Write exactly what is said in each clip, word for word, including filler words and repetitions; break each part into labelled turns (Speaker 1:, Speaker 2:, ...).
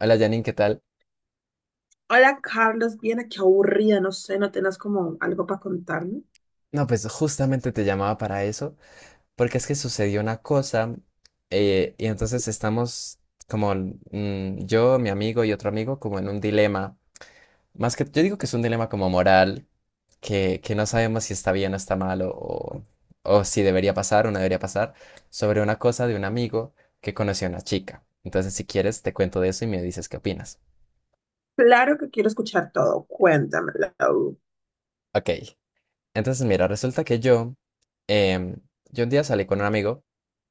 Speaker 1: Hola Janine, ¿qué tal?
Speaker 2: Hola Carlos, bien, qué aburrida, no sé, no tenés como algo para contarme.
Speaker 1: No, pues justamente te llamaba para eso, porque es que sucedió una cosa eh, y entonces estamos como mm, yo, mi amigo y otro amigo como en un dilema, más que yo digo que es un dilema como moral, que, que no sabemos si está bien o está mal o, o- o si debería pasar o no debería pasar, sobre una cosa de un amigo que conoció a una chica. Entonces, si quieres, te cuento de eso y me dices qué opinas.
Speaker 2: Claro que quiero escuchar todo. Cuéntamelo.
Speaker 1: Ok, entonces mira, resulta que yo, em, yo un día salí con un amigo,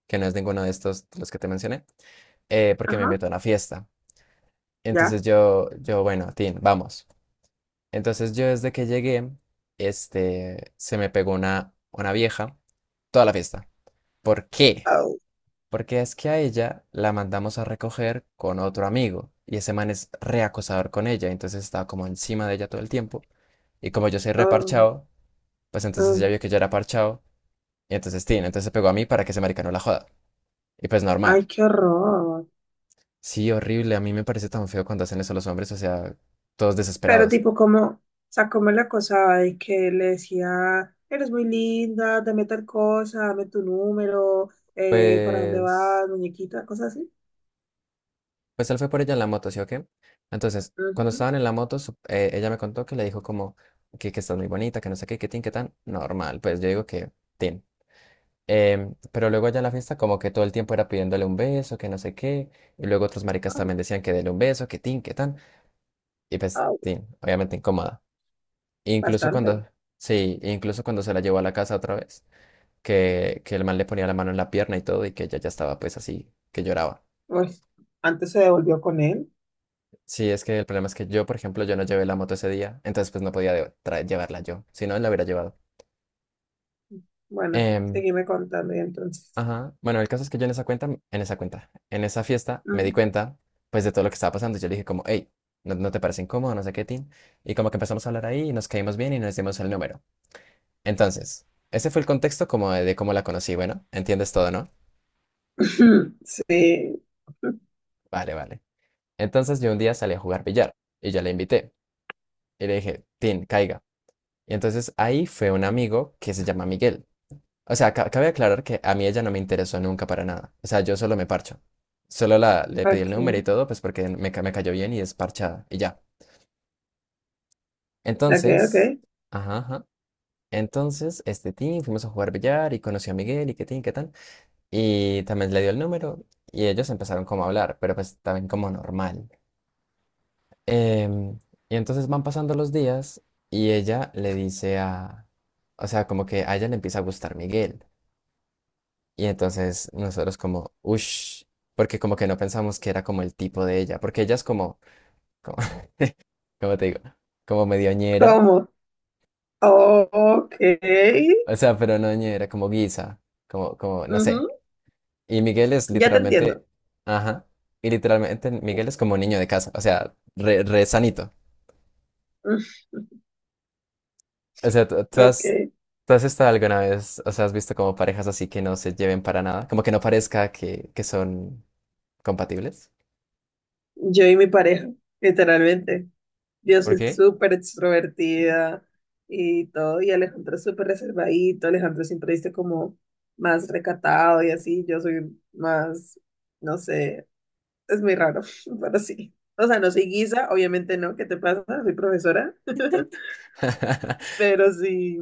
Speaker 1: que no es ninguno de estos, de los que te mencioné, eh, porque me
Speaker 2: Ajá,
Speaker 1: invitó a una fiesta.
Speaker 2: ya.
Speaker 1: Entonces yo, yo, bueno, Tin, vamos. Entonces yo desde que llegué, este, se me pegó una, una vieja toda la fiesta. ¿Por qué?
Speaker 2: Oh,
Speaker 1: Porque es que a ella la mandamos a recoger con otro amigo y ese man es reacosador con ella, entonces estaba como encima de ella todo el tiempo, y como yo soy
Speaker 2: oh,
Speaker 1: reparchado, pues entonces
Speaker 2: oh.
Speaker 1: ella vio que yo era parchado, y entonces Tin, entonces se pegó a mí para que ese marica no la joda. Y pues
Speaker 2: Ay,
Speaker 1: normal.
Speaker 2: qué horror.
Speaker 1: Sí, horrible. A mí me parece tan feo cuando hacen eso los hombres, o sea, todos
Speaker 2: Pero
Speaker 1: desesperados.
Speaker 2: tipo, como, sacóme la cosa de que le decía, eres muy linda, dame tal cosa, dame tu número, eh, ¿para dónde
Speaker 1: Pues,
Speaker 2: vas, muñequita? Cosas así.
Speaker 1: pues él fue por ella en la moto, ¿sí o qué? Entonces, cuando
Speaker 2: Ujú.
Speaker 1: estaban en la moto, su- eh, ella me contó que le dijo como que, que estás muy bonita, que no sé qué, que tin, que tan. Normal, pues yo digo que tin. Em, pero luego allá en la fiesta como que todo el tiempo era pidiéndole un beso, que no sé qué. Y luego otros maricas
Speaker 2: Oh,
Speaker 1: también decían que dele un beso, que tin, que tan. Y pues
Speaker 2: oh,
Speaker 1: tin, obviamente incómoda. Incluso
Speaker 2: bastante.
Speaker 1: cuando, sí, incluso cuando se la llevó a la casa otra vez, que, que el man le ponía la mano en la pierna y todo, y que ella ya estaba pues así, que lloraba.
Speaker 2: Pues, antes se devolvió con él.
Speaker 1: Sí, es que el problema es que yo, por ejemplo, yo no llevé la moto ese día, entonces pues no podía de- tra- llevarla yo, si no, la hubiera llevado.
Speaker 2: Bueno,
Speaker 1: Em,
Speaker 2: seguime contando y entonces.
Speaker 1: ajá, bueno, el caso es que yo en esa cuenta, en esa cuenta, en esa fiesta me di
Speaker 2: Ujú.
Speaker 1: cuenta pues de todo lo que estaba pasando, y yo le dije como, hey, ¿no, no te parece incómodo? No sé qué, Tin. Y como que empezamos a hablar ahí y nos caímos bien y nos dimos el número. Entonces, ese fue el contexto como de, de cómo la conocí, bueno, entiendes todo, ¿no?
Speaker 2: Sí.
Speaker 1: Vale, vale. Entonces yo un día salí a jugar billar y yo la invité. Y le dije, Tin, caiga. Y entonces ahí fue un amigo que se llama Miguel. O sea, ca- cabe aclarar que a mí ella no me interesó nunca para nada. O sea, yo solo me parcho. Solo la, le pedí el
Speaker 2: Ok,
Speaker 1: número y todo, pues porque me, ca- me cayó bien y es parchada. Y ya.
Speaker 2: ok, ok.
Speaker 1: Entonces, ajá, ajá. Entonces, este Tin, fuimos a jugar billar y conocí a Miguel y qué Tin, qué tan. Y también le dio el número y ellos empezaron como a hablar, pero pues también como normal. Em, y entonces van pasando los días y ella le dice a, o sea, como que a ella le empieza a gustar Miguel. Y entonces nosotros como, ush, porque como que no pensamos que era como el tipo de ella, porque ella es como, como, ¿cómo te digo? Como medio ñera,
Speaker 2: ¿Cómo? Ok.
Speaker 1: o sea, pero no ñera, como guisa, como, como, no sé.
Speaker 2: Ujú.
Speaker 1: Y Miguel es
Speaker 2: Ya te entiendo.
Speaker 1: literalmente, ajá, y literalmente Miguel es como un niño de casa, o sea, re, re sanito.
Speaker 2: Ujú.
Speaker 1: O sea, tú, tú
Speaker 2: Ok.
Speaker 1: has, tú has estado alguna vez, o sea, has visto como parejas así que no se lleven para nada, como que no parezca que, que son compatibles.
Speaker 2: Yo y mi pareja, literalmente. Yo
Speaker 1: ¿Por
Speaker 2: soy
Speaker 1: qué?
Speaker 2: súper extrovertida y todo, y Alejandro es súper reservadito. Alejandro siempre dice como más recatado y así. Yo soy más, no sé, es muy raro, pero sí. O sea, no soy guisa, obviamente no. ¿Qué te pasa? Soy profesora, pero sí.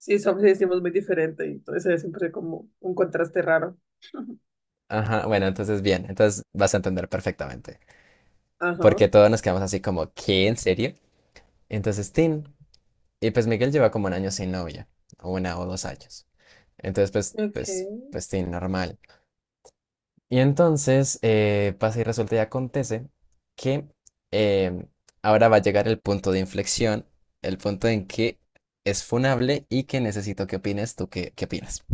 Speaker 2: Sí, somos y decimos muy diferente y entonces es siempre como un contraste raro.
Speaker 1: Ajá, bueno, entonces bien, entonces vas a entender perfectamente.
Speaker 2: Ajá.
Speaker 1: Porque todos nos quedamos así como, ¿qué? ¿En serio? Entonces, Tin. Y pues Miguel lleva como un año sin novia, o una o dos años. Entonces, pues, pues,
Speaker 2: Okay.
Speaker 1: pues, Tin, normal. Y entonces eh, pasa y resulta y acontece que em, ahora va a llegar el punto de inflexión, el punto en que es funable y que necesito que opines tú, ¿qué, qué opinas?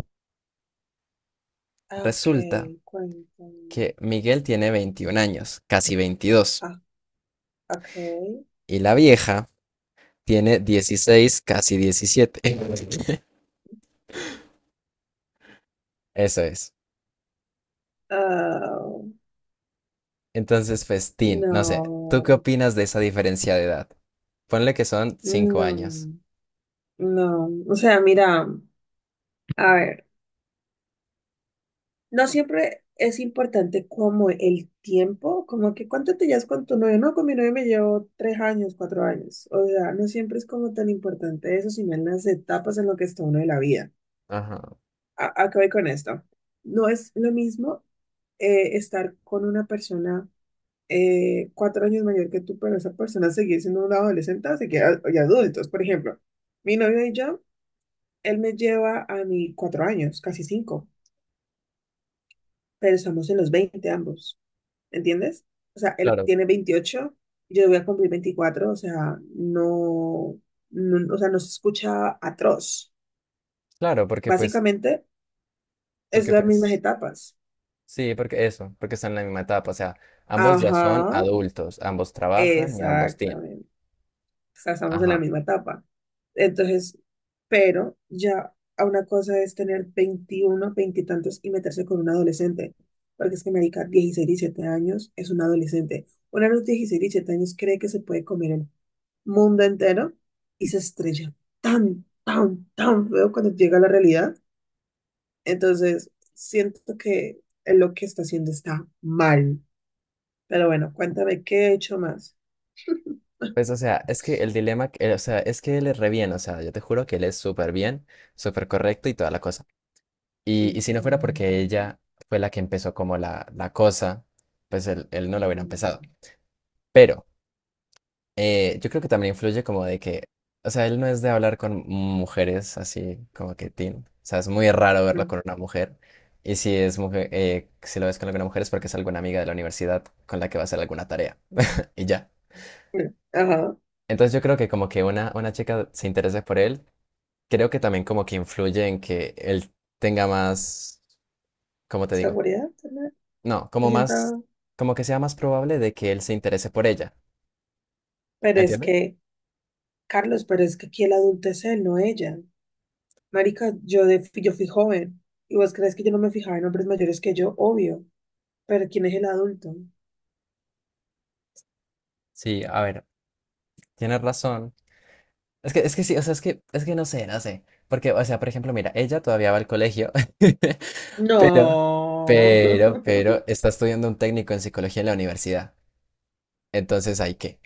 Speaker 2: Ah, ok,
Speaker 1: Resulta
Speaker 2: cuéntame.
Speaker 1: que Miguel tiene veintiún años, casi veintidós,
Speaker 2: Ah, okay.
Speaker 1: y la vieja tiene dieciséis, casi diecisiete. Eso es.
Speaker 2: Ah,
Speaker 1: Entonces, festín, no sé, ¿tú qué
Speaker 2: no,
Speaker 1: opinas de esa diferencia de edad? Ponle que son cinco años.
Speaker 2: no, no. O sea, mira, a ver, no siempre es importante como el tiempo, como que cuánto te llevas con tu novio. No, con mi novio me llevo tres años, cuatro años. O sea, no siempre es como tan importante eso, sino en las etapas en lo que está uno de la vida.
Speaker 1: Ajá,
Speaker 2: a, a qué voy con esto. No es lo mismo eh, estar con una persona eh, cuatro años mayor que tú, pero esa persona seguir siendo una adolescente o seguir a- y adultos. Por ejemplo, mi novio y yo, él me lleva a mí cuatro años, casi cinco, pero estamos en los veinte ambos, ¿entiendes? O sea, él
Speaker 1: claro,
Speaker 2: tiene veintiocho, yo voy a cumplir veinticuatro. O sea, no, no, o sea, no se escucha atroz.
Speaker 1: claro, porque pues
Speaker 2: Básicamente, es
Speaker 1: Porque
Speaker 2: las mismas
Speaker 1: pues,
Speaker 2: etapas.
Speaker 1: sí, porque eso, porque están en la misma etapa, o sea, ambos ya son
Speaker 2: Ajá.
Speaker 1: adultos, ambos trabajan y ambos tienen.
Speaker 2: Exactamente. O sea, estamos en la
Speaker 1: Ajá.
Speaker 2: misma etapa. Entonces, pero ya a una cosa es tener veintiuno, veinte y tantos y meterse con un adolescente. Porque es que, marica, dieciséis, diecisiete años es un adolescente. Una de los dieciséis, diecisiete años cree que se puede comer el mundo entero y se estrella tan, tan, tan feo cuando llega a la realidad. Entonces, siento que lo que está haciendo está mal. Pero bueno, cuéntame, ¿qué he hecho más?
Speaker 1: Pues, o sea, es que el dilema, que- o sea, es que él es re bien, o sea, yo te juro que él es súper bien, súper correcto y toda la cosa. Y, y si no fuera porque
Speaker 2: Ujú.
Speaker 1: ella fue la que empezó como la, la cosa, pues él, él no lo hubiera empezado.
Speaker 2: Mm,
Speaker 1: Pero Eh, yo creo que también influye como de que, o sea, él no es de hablar con mujeres así como que teen. O sea, es muy raro
Speaker 2: mm,
Speaker 1: verlo
Speaker 2: mm.
Speaker 1: con una mujer. Y si es mujer, eh, si lo ves con alguna mujer es porque es alguna amiga de la universidad con la que va a hacer alguna tarea. Y ya.
Speaker 2: Bueno, ajá,
Speaker 1: Entonces yo creo que como que una, una chica se interese por él, creo que también como que influye en que él tenga más, ¿cómo te digo?
Speaker 2: seguridad, tal vez.
Speaker 1: No,
Speaker 2: Se
Speaker 1: como más,
Speaker 2: sienta,
Speaker 1: como que sea más probable de que él se interese por ella.
Speaker 2: pero es
Speaker 1: ¿Entiendes?
Speaker 2: que, Carlos, pero es que aquí el adulto es él, no ella. Marica, yo, de, yo fui joven, y vos crees que yo no me fijaba en hombres mayores que yo, obvio, pero ¿quién es el adulto?
Speaker 1: Sí, a ver, tienes razón. Es que, es que sí, o sea, es que, es que no sé, no sé. Porque, o sea, por ejemplo, mira, ella todavía va al colegio, pero,
Speaker 2: No.
Speaker 1: pero, pero está estudiando un técnico en psicología en la universidad. Entonces, ¿hay qué?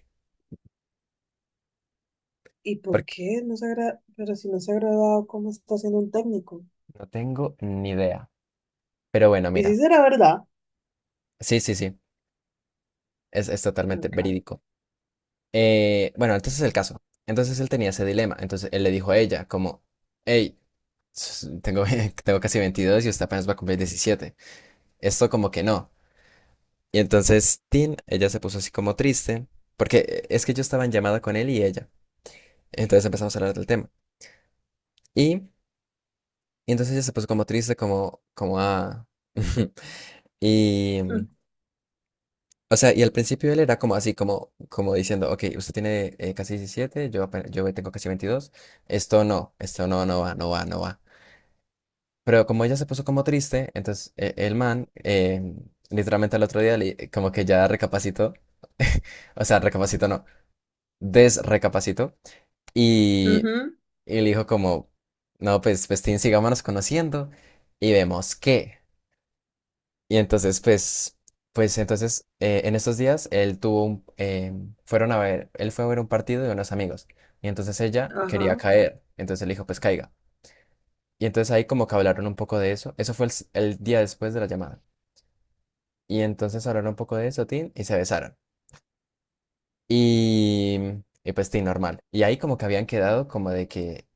Speaker 2: ¿Y por
Speaker 1: Porque
Speaker 2: qué? No se agra- pero si no se ha agradado, ¿cómo está siendo un técnico?
Speaker 1: no tengo ni idea. Pero bueno,
Speaker 2: Y si
Speaker 1: mira,
Speaker 2: será verdad,
Speaker 1: sí, sí, sí, es, es totalmente
Speaker 2: tan raro.
Speaker 1: verídico. Eh, bueno, entonces el caso. Entonces él tenía ese dilema. Entonces él le dijo a ella, como, hey, s- tengo, tengo casi veintidós y usted apenas va a cumplir diecisiete. Esto como que no. Y entonces Tin, ella se puso así como triste, porque eh, es que yo estaba en llamada con él y ella. Entonces empezamos a hablar del tema. Y, y entonces ella se puso como triste, como, como ah. Y, mm,
Speaker 2: Mm.
Speaker 1: o sea, y al principio él era como así, como, como diciendo, ok, usted tiene eh, casi diecisiete, yo, apen- yo tengo casi veintidós, esto no, esto no, no va, no va, no va. Pero como ella se puso como triste, entonces eh, el man, eh, literalmente al otro día, le- como que ya recapacitó, o sea, recapacitó no, desrecapacitó. Y,
Speaker 2: Ujú.
Speaker 1: y le dijo como, no, pues, pues, Tin, sigámonos conociendo y vemos qué. Y entonces, pues, pues, entonces, eh, en estos días, él tuvo un, eh, fueron a ver, él fue a ver un partido de unos amigos. Y entonces ella quería
Speaker 2: Ajá.
Speaker 1: caer. Entonces le dijo, pues, caiga. Y entonces ahí como que hablaron un poco de eso. Eso fue el, s- el día después de la llamada. Y entonces hablaron un poco de eso, Tin, y se besaron. Y, y pues sí, normal. Y ahí como que habían quedado como de que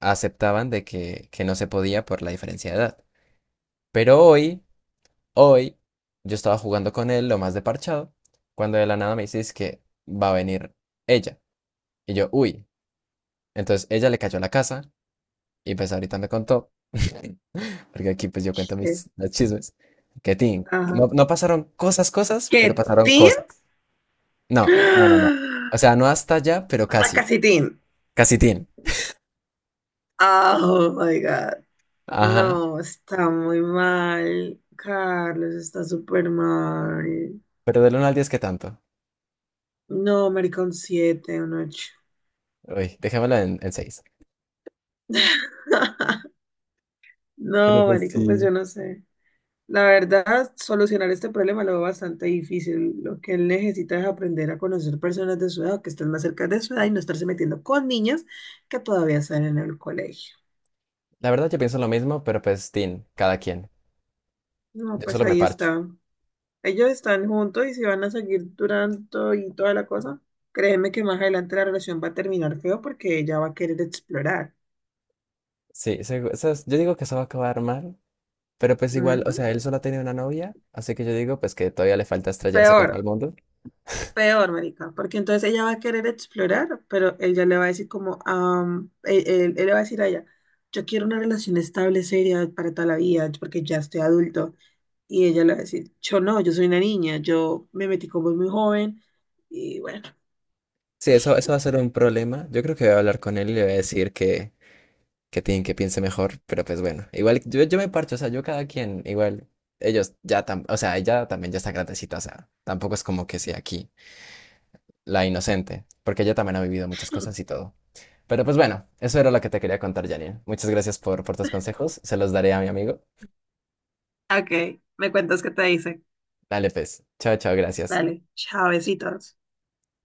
Speaker 1: aceptaban de que, que no se podía por la diferencia de edad. Pero hoy, hoy, yo estaba jugando con él lo más de parchado, cuando de la nada me dices que va a venir ella. Y yo, uy. Entonces ella le cayó a la casa y pues ahorita me contó, porque aquí pues yo cuento
Speaker 2: Sí,
Speaker 1: mis los chismes, que tin,
Speaker 2: ajá.
Speaker 1: no, no pasaron cosas, cosas, pero
Speaker 2: ¿Qué,
Speaker 1: pasaron
Speaker 2: Tin?
Speaker 1: cosas. No, no, no, no. O sea, no hasta allá, pero
Speaker 2: O sea,
Speaker 1: casi,
Speaker 2: casi Tin.
Speaker 1: casi tin.
Speaker 2: Ah, Oh my God.
Speaker 1: Ajá.
Speaker 2: No, está muy mal. Carlos está súper mal.
Speaker 1: Pero del uno al diez, ¿qué tanto?
Speaker 2: No, marica, un siete, un ocho.
Speaker 1: Uy, dejémoslo en, en, seis. Pero
Speaker 2: No,
Speaker 1: pues
Speaker 2: marica, pues
Speaker 1: sí.
Speaker 2: yo no sé. La verdad, solucionar este problema lo veo bastante difícil. Lo que él necesita es aprender a conocer personas de su edad o que estén más cerca de su edad y no estarse metiendo con niñas que todavía están en el colegio.
Speaker 1: La verdad yo pienso lo mismo, pero pues tin, cada quien.
Speaker 2: No,
Speaker 1: Yo
Speaker 2: pues
Speaker 1: solo me
Speaker 2: ahí
Speaker 1: parcho.
Speaker 2: está. Ellos están juntos y se van a seguir durando y toda la cosa. Créeme que más adelante la relación va a terminar feo porque ella va a querer explorar.
Speaker 1: Sí, segu- eso es- yo digo que eso va a acabar mal, pero pues igual, o
Speaker 2: Ujú.
Speaker 1: sea, él solo ha tenido una novia, así que yo digo pues que todavía le falta estrellarse contra
Speaker 2: Peor,
Speaker 1: el mundo.
Speaker 2: peor, marica, porque entonces ella va a querer explorar, pero él ya le va a decir como, am, él, él- él le va a decir a ella, yo quiero una relación estable, seria para toda la vida, porque ya estoy adulto. Y ella le va a decir, yo no, yo soy una niña, yo me metí como muy joven y bueno.
Speaker 1: Sí, eso, eso va a ser un problema. Yo creo que voy a hablar con él y le voy a decir que, que tin, que piense mejor, pero pues bueno, igual yo, yo me parcho, o sea, yo cada quien, igual, ellos ya, tam- o sea, ella también ya está grandecita, o sea, tampoco es como que sea aquí la inocente, porque ella también ha vivido muchas cosas y todo. Pero pues bueno, eso era lo que te quería contar, Janine. Muchas gracias por, por tus consejos. Se los daré a mi amigo.
Speaker 2: Ok, me cuentas qué te dice.
Speaker 1: Dale, pues. Chao, chao, gracias.
Speaker 2: Dale, chavecitos.